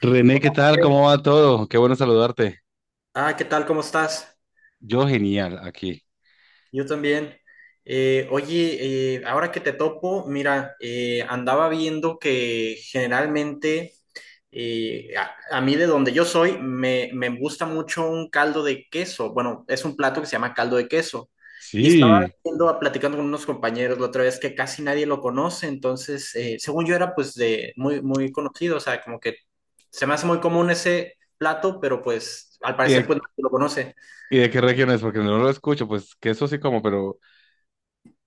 René, ¿qué tal? Bien. ¿Cómo va todo? Qué bueno saludarte. Ah, ¿qué tal? ¿Cómo estás? Yo genial aquí. Yo también. Oye, ahora que te topo, mira, andaba viendo que generalmente a mí de donde yo soy me gusta mucho un caldo de queso. Bueno, es un plato que se llama caldo de queso. Y estaba Sí. viendo, platicando con unos compañeros la otra vez que casi nadie lo conoce. Entonces, según yo era pues de muy, muy conocido, o sea, como que se me hace muy común ese plato, pero pues al ¿Y parecer de, pues nadie lo conoce. ¿Y de qué región es? Porque no lo escucho, pues que eso sí como, pero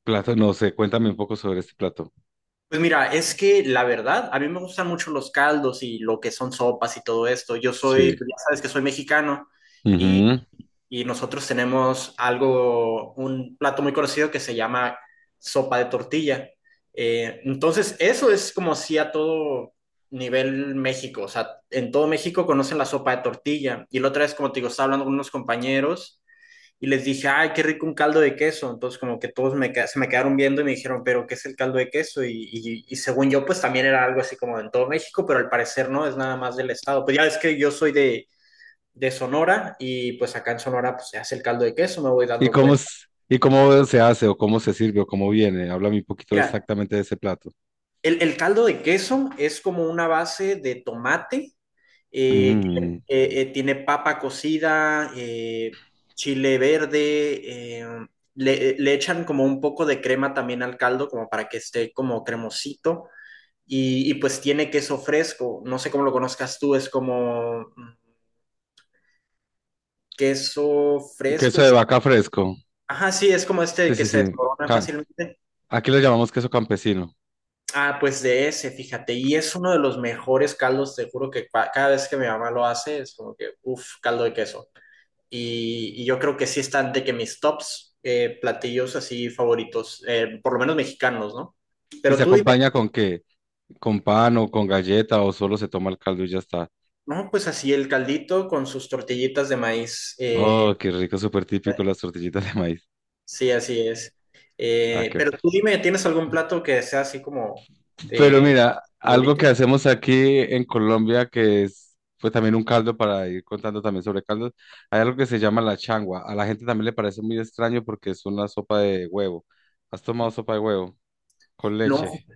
plato no sé. Cuéntame un poco sobre este plato. Pues mira, es que la verdad, a mí me gustan mucho los caldos y lo que son sopas y todo esto. Yo Sí. soy, pues ya sabes que soy mexicano y, Ujú. y nosotros tenemos algo, un plato muy conocido que se llama sopa de tortilla. Entonces, eso es como si a todo nivel México, o sea, en todo México conocen la sopa de tortilla. Y la otra vez, como te digo, estaba hablando con unos compañeros y les dije, ay, qué rico un caldo de queso. Entonces, como que todos me, se me quedaron viendo y me dijeron, pero ¿qué es el caldo de queso? Y según yo, pues también era algo así como en todo México, pero al parecer no, es nada más del estado. Pues ya ves que yo soy de Sonora y pues acá en Sonora pues se hace el caldo de queso, me voy dando cuenta. ¿Y cómo se hace o cómo se sirve o cómo viene? Háblame un poquito Mira, exactamente de ese plato. el caldo de queso es como una base de tomate Mm, tiene papa cocida, chile verde, le echan como un poco de crema también al caldo, como para que esté como cremosito, y pues tiene queso fresco, no sé cómo lo conozcas tú, es como queso fresco, Queso de es... vaca fresco. Ajá, sí, es como Sí, este que sí, se sí. desmorona Ca- fácilmente. Aquí lo llamamos queso campesino. Ah, pues de ese, fíjate, y es uno de los mejores caldos, te juro que cada vez que mi mamá lo hace, es como que, uff, caldo de queso. Y yo creo que sí están de que mis tops platillos así favoritos, por lo menos mexicanos, ¿no? ¿Y Pero se tú dime, acompaña con qué? ¿Con pan o con galleta o solo se toma el caldo y ya está? no, pues así el caldito con sus tortillitas de maíz. Oh, qué rico, súper típico las tortillitas de maíz. Sí, así es. Ah, qué- Pero tú dime, ¿tienes algún plato que sea así como Pero eh, mira, algo que favorito? hacemos aquí en Colombia que es pues también un caldo para ir contando también sobre caldos, hay algo que se llama la changua. A la gente también le parece muy extraño porque es una sopa de huevo. ¿Has tomado sopa de huevo con No, leche?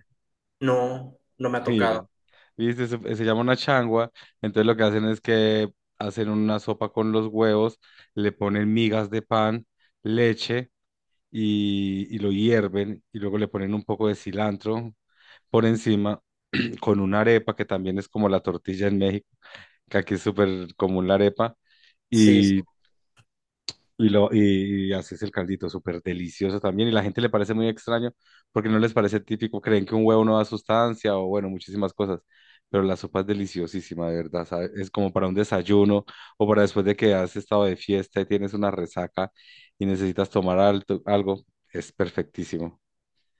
no, no me ha Mira, tocado. viste, se llama una changua, entonces lo que hacen es que hacen una sopa con los huevos, le ponen migas de pan, leche, y lo hierven y luego le ponen un poco de cilantro por encima con una arepa que también es como la tortilla en México, que aquí es súper común la arepa Sí, sí. y, y así es el caldito, súper delicioso también y la gente le parece muy extraño porque no les parece típico, creen que un huevo no da sustancia o bueno, muchísimas cosas. Pero la sopa es deliciosísima, de verdad, ¿sabe? Es como para un desayuno o para después de que has estado de fiesta y tienes una resaca y necesitas algo, es perfectísimo.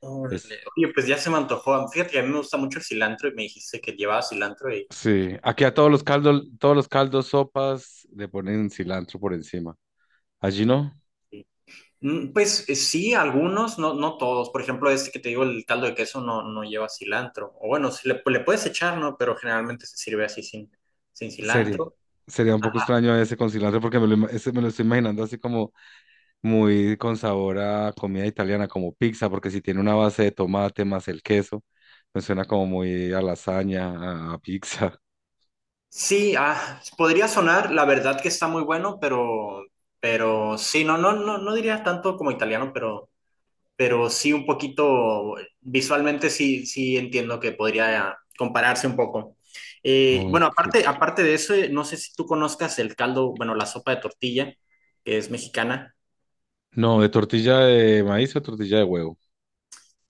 Órale. Es, Oye, pues ya se me antojó. Fíjate que a mí me gusta mucho el cilantro y me dijiste que llevaba cilantro y, sí, aquí a todos los caldos, sopas, le ponen cilantro por encima. Allí no, pues sí, algunos, no, no todos. Por ejemplo, este que te digo, el caldo de queso no, no lleva cilantro. O bueno, sí le, pues, le puedes echar, ¿no? Pero generalmente se sirve así sin, sin sería, cilantro. sería un poco Ajá. extraño ese con cilantro porque ese me lo estoy imaginando así como muy con sabor a comida italiana, como pizza, porque si tiene una base de tomate más el queso, me suena como muy a lasaña, a pizza. Sí, ah, podría sonar, la verdad que está muy bueno, pero sí, no, no, no, no diría tanto como italiano, pero. Pero sí un poquito, visualmente sí, sí entiendo que podría compararse un poco. Bueno, Ok. aparte, aparte de eso, no sé si tú conozcas el caldo, bueno, la sopa de tortilla, que es mexicana, No, de tortilla de maíz o tortilla de huevo.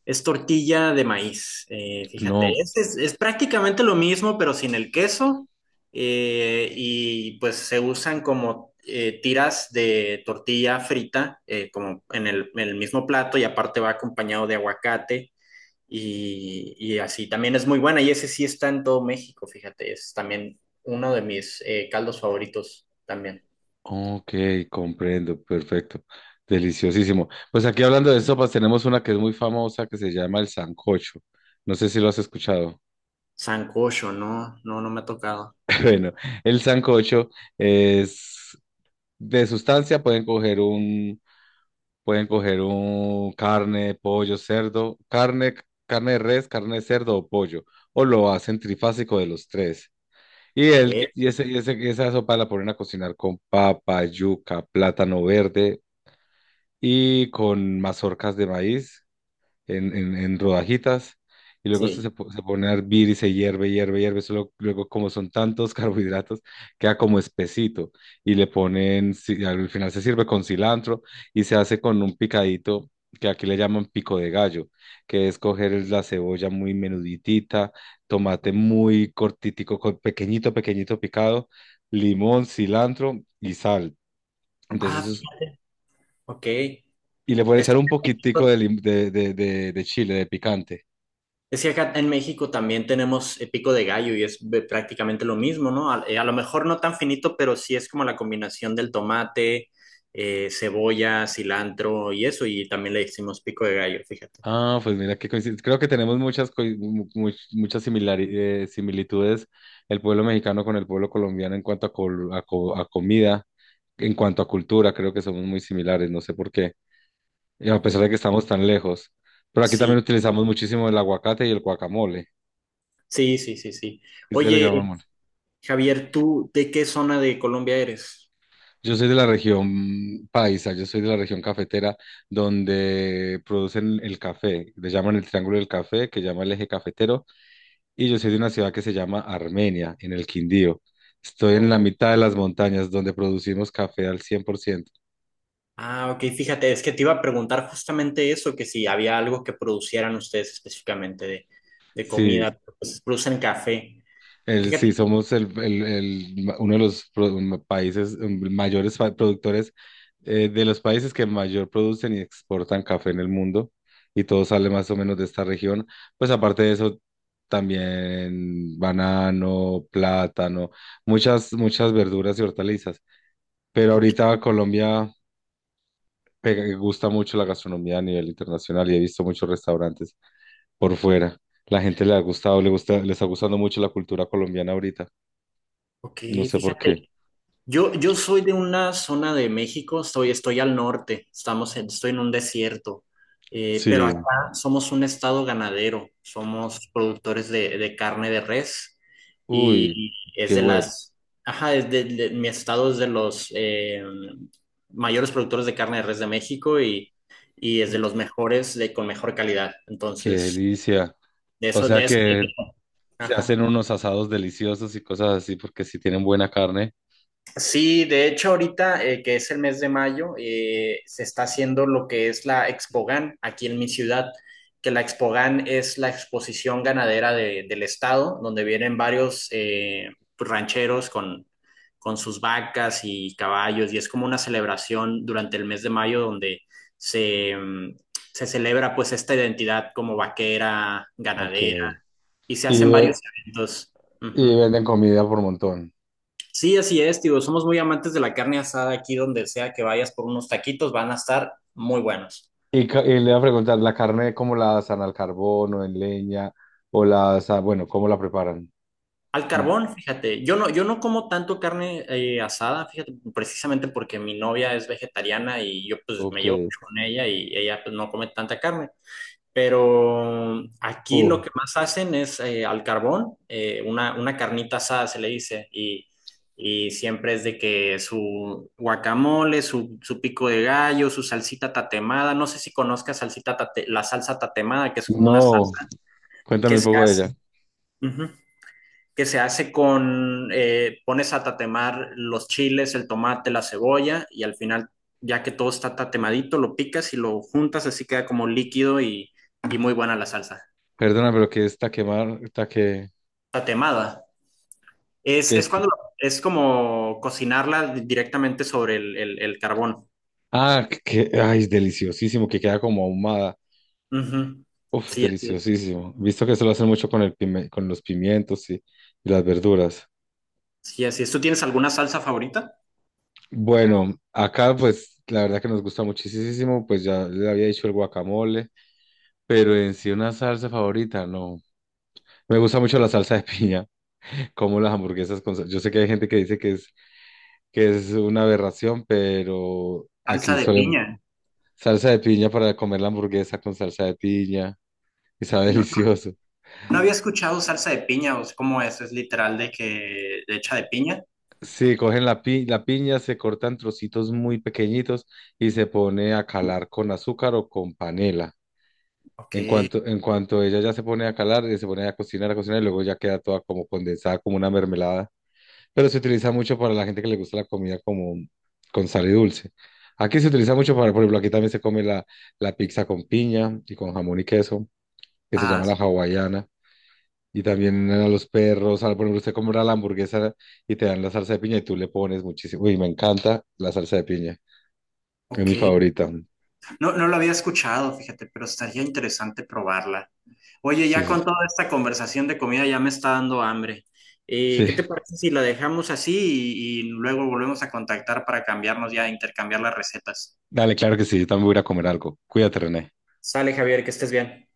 es tortilla de maíz, fíjate, No. es prácticamente lo mismo, pero sin el queso, y pues se usan como... tiras de tortilla frita, como en el mismo plato, y aparte va acompañado de aguacate, y así también es muy buena. Y ese sí está en todo México, fíjate. Es también uno de mis caldos favoritos también. Ok, comprendo, perfecto. Deliciosísimo. Pues aquí hablando de sopas, tenemos una que es muy famosa que se llama el sancocho. No sé si lo has escuchado. Sancocho, no, no, no me ha tocado. Bueno, el sancocho es de sustancia, pueden coger un carne, pollo, cerdo, carne, carne de res, carne de cerdo o pollo, o lo hacen trifásico de los tres. Y, Ok, el y, ese, y ese- y esa sopa la ponen a cocinar con papa, yuca, plátano verde, y con mazorcas de maíz en rodajitas. Y luego sí. Se pone a hervir y se hierve, hierve, hierve. Solo, luego, como son tantos carbohidratos, queda como espesito. Y al final se sirve con cilantro y se hace con un picadito que aquí le llaman pico de gallo, que es la cebolla muy menuditita, tomate muy pequeñito, pequeñito picado, limón, cilantro y sal. Ah, Entonces eso ok. y le pueden Es, echar un poquitico de, lim- de chile, de picante. es que acá en México también tenemos pico de gallo y es prácticamente lo mismo, ¿no? A lo mejor no tan finito, pero sí es como la combinación del tomate, cebolla, cilantro y eso. Y también le decimos pico de gallo, fíjate. Ah, pues mira qué coincidencia. Creo que tenemos muchas, coi- mu- mu- muchas similitudes el pueblo mexicano con el pueblo colombiano en cuanto a comida, en cuanto a cultura. Creo que somos muy similares, no sé por qué, y a pesar de que estamos tan lejos. Pero aquí también Sí. utilizamos muchísimo el aguacate y el guacamole. Sí, sí, sí, sí. ¿Ustedes le Oye, llaman? Javier, ¿tú de qué zona de Colombia eres? Yo soy de la región paisa, yo soy de la región cafetera donde producen el café, le llaman el Triángulo del Café, que llama el eje cafetero, y yo soy de una ciudad que se llama Armenia, en el Quindío. Estoy en la O- mitad de las montañas donde producimos café al 100%. ah, ok, fíjate, es que te iba a preguntar justamente eso, que si había algo que producieran ustedes específicamente de Sí, comida, pues producen café. Fíjate, somos uno de los países mayores productores, de los países que mayor producen y exportan café en el mundo y todo sale más o menos de esta región. Pues aparte de eso, también banano, plátano, muchas, muchas verduras y hortalizas. Pero ok, ahorita Colombia gusta mucho la gastronomía a nivel internacional y he visto muchos restaurantes por fuera. La gente le ha gustado, le gusta, le está gustando mucho la cultura colombiana ahorita. ok, No sé por fíjate. qué. Yo soy de una zona de México, estoy, estoy al norte, estoy en un desierto, pero acá Sí, somos un estado ganadero, somos productores de carne de res uy, y es qué de bueno, las, ajá, mi estado es de los mayores productores de carne de res de México y es uy, de los mejores, de, con mejor calidad. qué Entonces, delicia. de O eso, de sea eso. que se hacen Ajá. unos asados deliciosos y cosas así porque si tienen buena carne. Sí, de hecho ahorita que es el mes de mayo, se está haciendo lo que es la Expogan aquí en mi ciudad, que la Expogan es la exposición ganadera del estado, donde vienen varios pues, rancheros con sus vacas y caballos, y es como una celebración durante el mes de mayo donde se, se celebra pues esta identidad como vaquera, Ok. ganadera, y se Y, hacen ve- varios eventos. y Ujú. venden comida por montón. Sí, así es, tío. Somos muy amantes de la carne asada aquí donde sea que vayas por unos taquitos, van a estar muy buenos. Y le iba a preguntar, ¿la carne cómo la asan, al carbón o en leña? O la asan, bueno, ¿cómo la preparan? Al carbón, fíjate, yo no, yo no como tanto carne asada, fíjate, precisamente porque mi novia es vegetariana y yo pues me Ok. llevo mucho con ella y ella pues no come tanta carne. Pero aquí Uh, lo que más hacen es al carbón, una carnita asada se le dice, y siempre es de que su guacamole, su pico de gallo, su salsita tatemada, no sé si conozcas la salsa tatemada, que es como una no, salsa que cuéntame un se poco de hace, ella. ujú, que se hace con, pones a tatemar los chiles, el tomate, la cebolla, y al final, ya que todo está tatemadito, lo picas y lo juntas, así queda como líquido y muy buena la salsa. Perdona, pero que esta quemar, esta Tatemada. Es, que es es- cuando es como cocinarla directamente sobre el carbón. ah, que, ay, es deliciosísimo, que queda como ahumada. Ujú. Uf, Sí, así es. deliciosísimo. Visto que eso lo hacen mucho con los pimientos y las verduras. Sí, así es. ¿Tú tienes alguna salsa favorita? Bueno, acá pues la verdad que nos gusta muchísimo, pues ya le había dicho el guacamole, pero en sí una salsa favorita, no. Me gusta mucho la salsa de piña, como las hamburguesas Yo sé que hay gente que dice que es una aberración, pero aquí Salsa de solemos piña. salsa de piña para comer la hamburguesa con salsa de piña y sabe No, no, delicioso. no había escuchado salsa de piña. O sea, ¿cómo es? ¿Es literal de que hecha de piña? Sí, cogen la piña, se cortan trocitos muy pequeñitos y se pone a calar con azúcar o con panela. Ok. En cuanto ella ya se pone a calar, se pone a cocinar y luego ya queda toda como condensada, como una mermelada. Pero se utiliza mucho para la gente que le gusta la comida como con sal y dulce. Aquí se utiliza mucho para, por ejemplo, aquí también se come la pizza con piña y con jamón y queso, que se llama Ah, la hawaiana. Y también a los perros, por ejemplo, usted compra la hamburguesa y te dan la salsa de piña y tú le pones muchísimo. Uy, me encanta la salsa de piña. Es ok. mi favorita. No, no lo había escuchado, fíjate, pero estaría interesante probarla. Oye, Sí, ya sí. con Sí. toda esta conversación de comida ya me está dando hambre. Sí. ¿Qué te parece si la dejamos así y luego volvemos a contactar para cambiarnos ya, intercambiar las recetas? Dale, claro que sí. Yo también voy a ir a comer algo. Cuídate, René. Sale, Javier, que estés bien.